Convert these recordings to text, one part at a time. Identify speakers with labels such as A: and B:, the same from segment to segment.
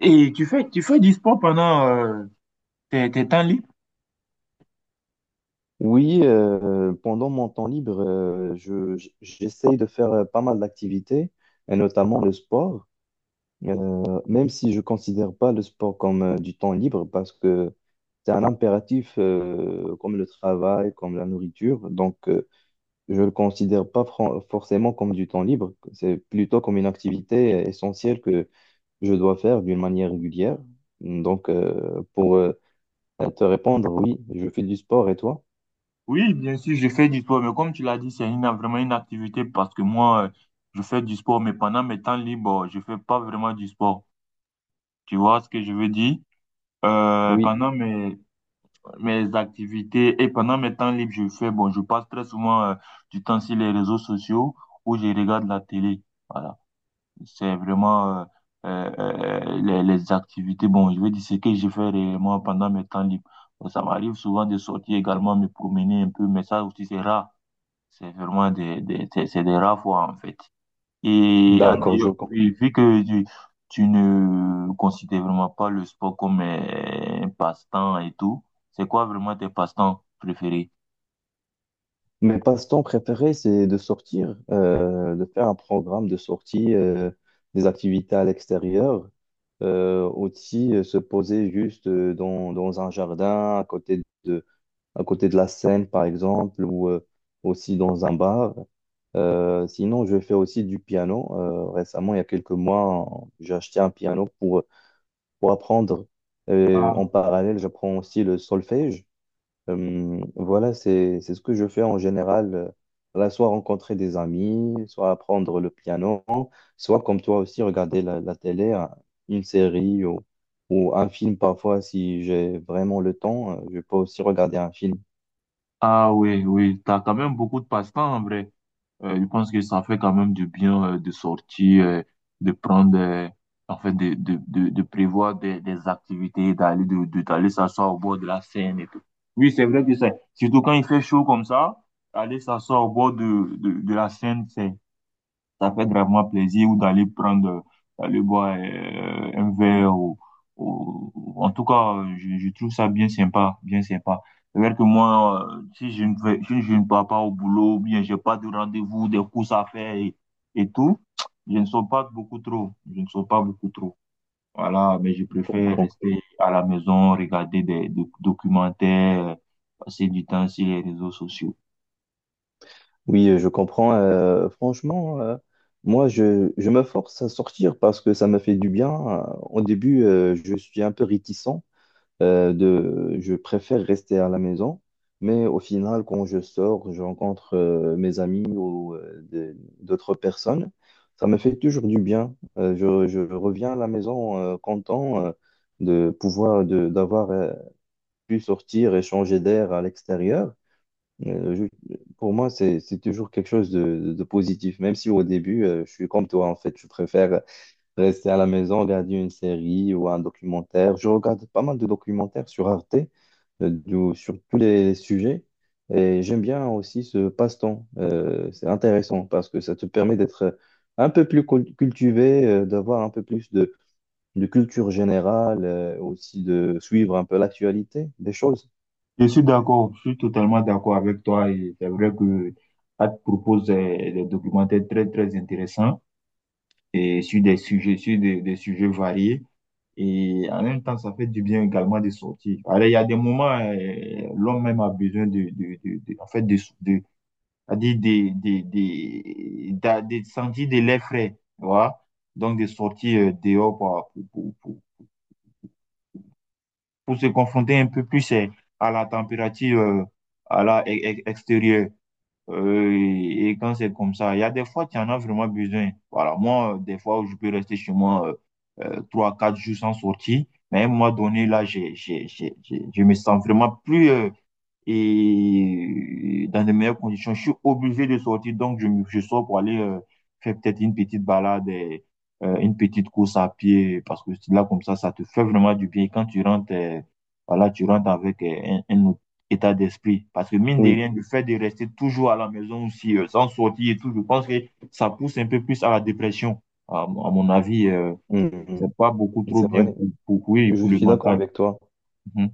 A: Et tu fais du sport pendant tes temps libres?
B: Oui, pendant mon temps libre, j'essaye de faire pas mal d'activités, et notamment le sport. Même si je considère pas le sport comme du temps libre parce que c'est un impératif comme le travail, comme la nourriture. Donc, je le considère pas fran- forcément comme du temps libre. C'est plutôt comme une activité essentielle que je dois faire d'une manière régulière. Donc, pour te répondre, oui, je fais du sport. Et toi?
A: Oui, bien sûr, je fais du sport, mais comme tu l'as dit, vraiment une activité parce que moi, je fais du sport, mais pendant mes temps libres, oh, je fais pas vraiment du sport. Tu vois ce que je veux dire? Euh,
B: Oui,
A: pendant mes, mes activités et pendant mes temps libres, je fais, bon, je passe très souvent, du temps sur les réseaux sociaux où je regarde la télé. Voilà. C'est vraiment les activités. Bon, je veux dire ce que je fais réellement pendant mes temps libres. Bon, ça m'arrive souvent de sortir également, me promener un peu, mais ça aussi c'est rare. C'est vraiment c'est des rares fois en fait.
B: d'accord, je
A: Oui,
B: comprends.
A: vu que tu ne considères vraiment pas le sport comme un passe-temps et tout, c'est quoi vraiment tes passe-temps préférés?
B: Mes passe-temps préférés, c'est de sortir, de faire un programme de sortie, des activités à l'extérieur, aussi se poser juste dans un jardin, à côté de la Seine, par exemple, ou aussi dans un bar. Sinon, je fais aussi du piano. Récemment, il y a quelques mois, j'ai acheté un piano pour apprendre. Et
A: Ah.
B: en parallèle, j'apprends aussi le solfège. Voilà, c'est ce que je fais en général. Voilà, soit rencontrer des amis, soit apprendre le piano, soit comme toi aussi, regarder la télé, une série ou un film parfois si j'ai vraiment le temps. Je peux aussi regarder un film.
A: Ah oui, oui, t'as quand même beaucoup de passe-temps en vrai. Je pense que ça fait quand même du bien de sortir, de prendre, en fait, de prévoir des activités, d'aller s'asseoir au bord de la Seine et tout. Oui, c'est vrai que c'est, surtout quand il fait chaud comme ça, aller s'asseoir au bord de la Seine, c'est, ça fait gravement plaisir ou d'aller prendre, d'aller boire un verre ou- en tout cas, je trouve ça bien sympa, bien sympa. C'est vrai que moi, si je ne pars pas au boulot, ou bien j'ai pas de rendez-vous, des courses à faire et tout, je ne sors pas beaucoup trop. Voilà, mais je préfère
B: Comprends.
A: rester à la maison, regarder des documentaires, passer du temps sur les réseaux sociaux.
B: Oui, je comprends. Franchement, je me force à sortir parce que ça me fait du bien. Au début, je suis un peu réticent. Je préfère rester à la maison, mais au final, quand je sors, je rencontre mes amis ou d'autres personnes. Ça me fait toujours du bien. Je reviens à la maison content d'avoir pu sortir et changer d'air à l'extérieur. Euh, je- pour moi, c'est toujours quelque chose de positif, même si au début, je suis comme toi, en fait, je préfère rester à la maison, regarder une série ou un documentaire. Je regarde pas mal de documentaires sur Arte, sur tous les sujets. Et j'aime bien aussi ce passe-temps. C'est intéressant parce que ça te permet d'être un peu plus cultivé, d'avoir un peu plus de culture générale, aussi de suivre un peu l'actualité des choses.
A: Je suis d'accord, je suis totalement d'accord avec toi, et c'est vrai que Hat propose des documentaires très très intéressants et sur des sujets, sur des sujets variés, et en même temps ça fait du bien également de sortir. Alors il y a des moments, l'homme même a besoin de- en fait de, c'est-à-dire des, d'a- des, sentir de l'air frais, tu vois. Donc de sortir dehors pour se confronter un peu plus à la température à la extérieure. Et quand c'est comme ça, il y a des fois, tu en as vraiment besoin. Voilà, moi, des fois où je peux rester chez moi trois, quatre jours sans sortir, mais à un moment donné, là, je me sens vraiment plus et dans de meilleures conditions. Je suis obligé de sortir, donc je sors pour aller faire peut-être une petite balade, une petite course à pied, parce que là, comme ça te fait vraiment du bien. Et quand tu rentres, voilà, tu rentres avec un état d'esprit. Parce que mine de
B: Oui.
A: rien, le fait de rester toujours à la maison aussi, sans sortir et tout, je pense que ça pousse un peu plus à la dépression. À mon avis,
B: Mhm.
A: c'est pas beaucoup trop
B: C'est vrai,
A: bien oui,
B: je
A: pour le
B: suis d'accord
A: mental.
B: avec toi.
A: Mhm.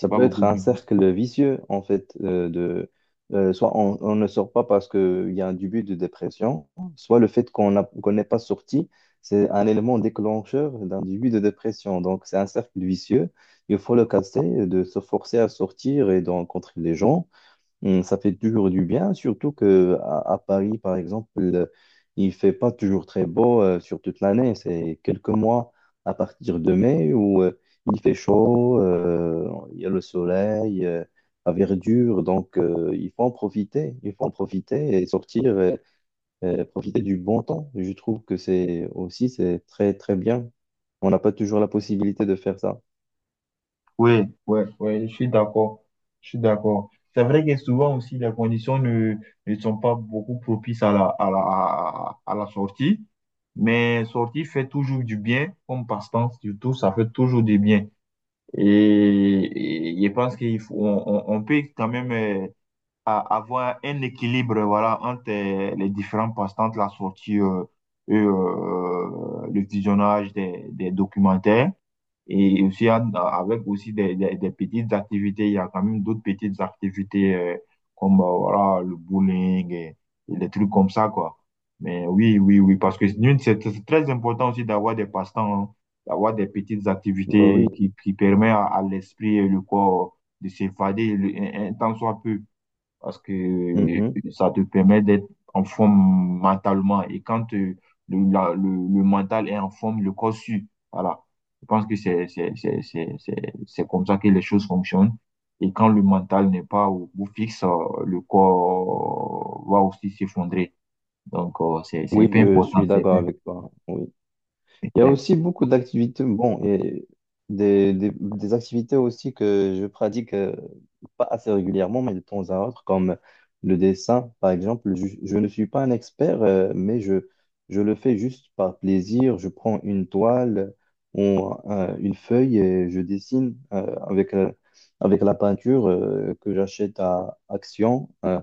A: C'est pas
B: peut être
A: beaucoup
B: un
A: bien.
B: cercle vicieux, en fait, soit on ne sort pas parce qu'il y a un début de dépression, soit le fait qu'on n'est pas sorti, c'est un élément déclencheur d'un début de dépression. Donc, c'est un cercle vicieux. Il faut le casser, de se forcer à sortir et de rencontrer les gens. Hmm. Ça fait toujours du bien, surtout que à Paris, par exemple, il fait pas toujours très beau sur toute l'année. C'est quelques mois à partir de mai où il fait chaud, il y a le soleil, la verdure, donc il faut en profiter, il faut en profiter et sortir, profiter du bon temps. Je trouve que c'est aussi c'est très très bien. On n'a pas toujours la possibilité de faire ça.
A: Oui, oui, oui, je suis d'accord. Je suis d'accord. C'est vrai que souvent aussi, les conditions ne, ne sont pas beaucoup propices à à la sortie. Mais sortie fait toujours du bien, comme passe-temps, surtout, ça fait toujours du bien. Et je pense qu'il faut, on peut quand même avoir un équilibre, voilà, entre les différents passe-temps, de la sortie et le visionnage des documentaires. Et aussi, à- Avec aussi des petites activités, il y a quand même d'autres petites activités comme voilà, le bowling et des trucs comme ça, quoi. Mais oui, oui, oui, parce que nous, c'est très important aussi d'avoir des passe-temps, hein, d'avoir des petites
B: Bah oui.
A: activités qui permettent à l'esprit et le corps de s'évader un temps soit peu, parce que
B: Mhm.
A: ça te permet d'être en forme mentalement. Et quand le mental est en forme, le corps suit. Voilà. Je pense que c'est comme ça que les choses fonctionnent. Et quand le mental n'est pas au bout fixe, le corps va aussi s'effondrer. Donc, c'est
B: Oui,
A: hyper
B: je
A: important.
B: suis
A: C'est
B: d'accord
A: hyper,
B: avec toi. Oui. Il y a
A: c'est
B: aussi beaucoup d'activités, bon, et des activités aussi que je pratique pas assez régulièrement, mais de temps à autre, comme le dessin, par exemple. Je ne suis pas un expert, je le fais juste par plaisir. Je prends une toile ou une feuille et je dessine avec la peinture que j'achète à Action. euh,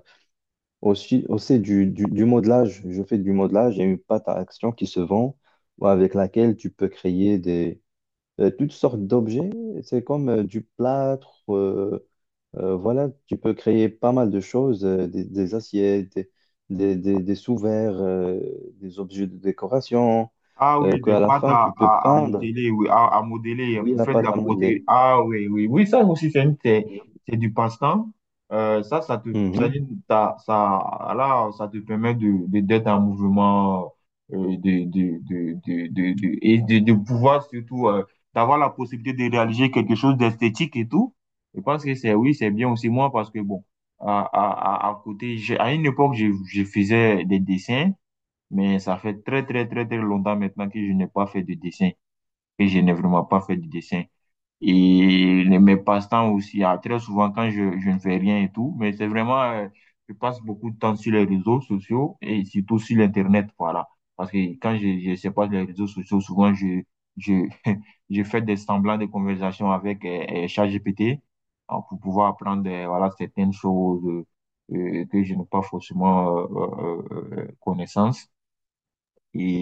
B: aussi, Aussi du modelage, je fais du modelage, il y a une pâte à action qui se vend ouais, avec laquelle tu peux créer des, toutes sortes d'objets. C'est comme du plâtre, voilà, tu peux créer pas mal de choses, des assiettes, des sous-verres, des objets de décoration,
A: Ah oui, des
B: qu'à la
A: pâtes
B: fin, tu peux
A: à
B: peindre.
A: modeler, oui, à modeler hein,
B: Oui,
A: pour
B: la
A: faire de
B: pâte
A: la
B: à modeler.
A: protéine. Ah oui, oui, oui, ça aussi, c'est du passe-temps. Ça te, ça,
B: Mhm.
A: dit- t'as- ça, là, ça te permet d'être en mouvement, de- et de, de pouvoir surtout, d'avoir la possibilité de réaliser quelque chose d'esthétique et tout. Je pense que c'est, oui, c'est bien aussi moi parce que bon, à côté, à une époque, je faisais des dessins. Mais ça fait très longtemps maintenant que je n'ai pas fait de dessin, que je n'ai vraiment pas fait de dessin. Mes passe-temps aussi, ah, très souvent quand je ne fais rien et tout, mais c'est vraiment, je passe beaucoup de temps sur les réseaux sociaux et surtout sur l'Internet, voilà. Parce que quand je sais pas les réseaux sociaux, souvent je, je fais des semblants de conversation avec ChatGPT pour pouvoir apprendre, voilà, certaines choses que je n'ai pas forcément connaissance.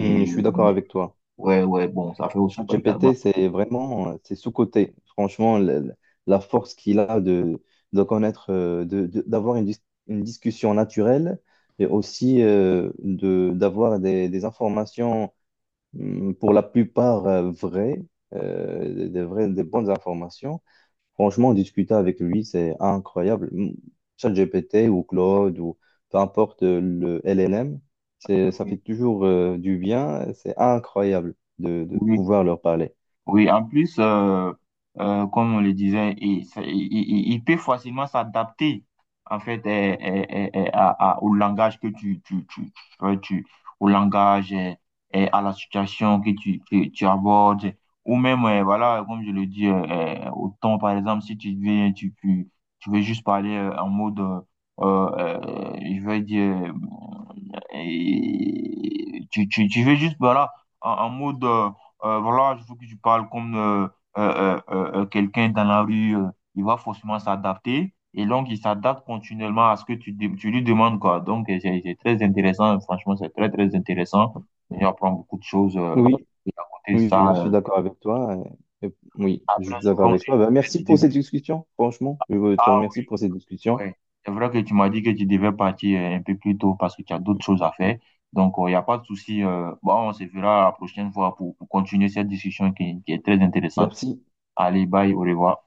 B: Mhm, je suis d'accord avec toi.
A: ouais, ouais, bon, ça fait aussi pas également.
B: ChatGPT, c'est vraiment, c'est sous-coté. Franchement, la force qu'il a de connaître, d'avoir une discussion naturelle et aussi d'avoir des informations pour la plupart vraies, des bonnes informations. Franchement, discuter avec lui, c'est incroyable. ChatGPT ou Claude ou peu importe le LLM, ça fait toujours du bien. C'est incroyable de
A: Oui,
B: pouvoir leur parler.
A: oui. En plus, comme on le disait, il, ça- il peut facilement s'adapter en fait, au langage que ouais, au langage, à la situation que tu abordes, ou même voilà, comme je le dis, au ton par exemple, si tu viens tu veux juste parler en mode, je vais dire. Et tu veux juste, voilà, en mode, voilà, je veux que tu parles comme quelqu'un dans la rue, il va forcément s'adapter. Et donc, il s'adapte continuellement à ce que tu lui demandes, quoi. Donc, c'est très intéressant. Franchement, c'est très, très intéressant. On apprend beaucoup de choses
B: Oui,
A: et à côté de
B: oui,
A: ça.
B: je suis d'accord avec toi. Oui, je
A: Après,
B: suis d'accord
A: souvent
B: avec
A: aussi,
B: toi.
A: je
B: Ben,
A: fais
B: merci
A: je
B: pour cette
A: fais-
B: discussion, franchement. Je te
A: ah,
B: remercie pour cette discussion.
A: ouais. C'est vrai que tu m'as dit que tu devais partir un peu plus tôt parce que tu as d'autres choses à faire. Donc, il n'y a pas de souci. Bon, on se verra la prochaine fois pour continuer cette discussion qui est très intéressante.
B: Merci.
A: Allez, bye, au revoir.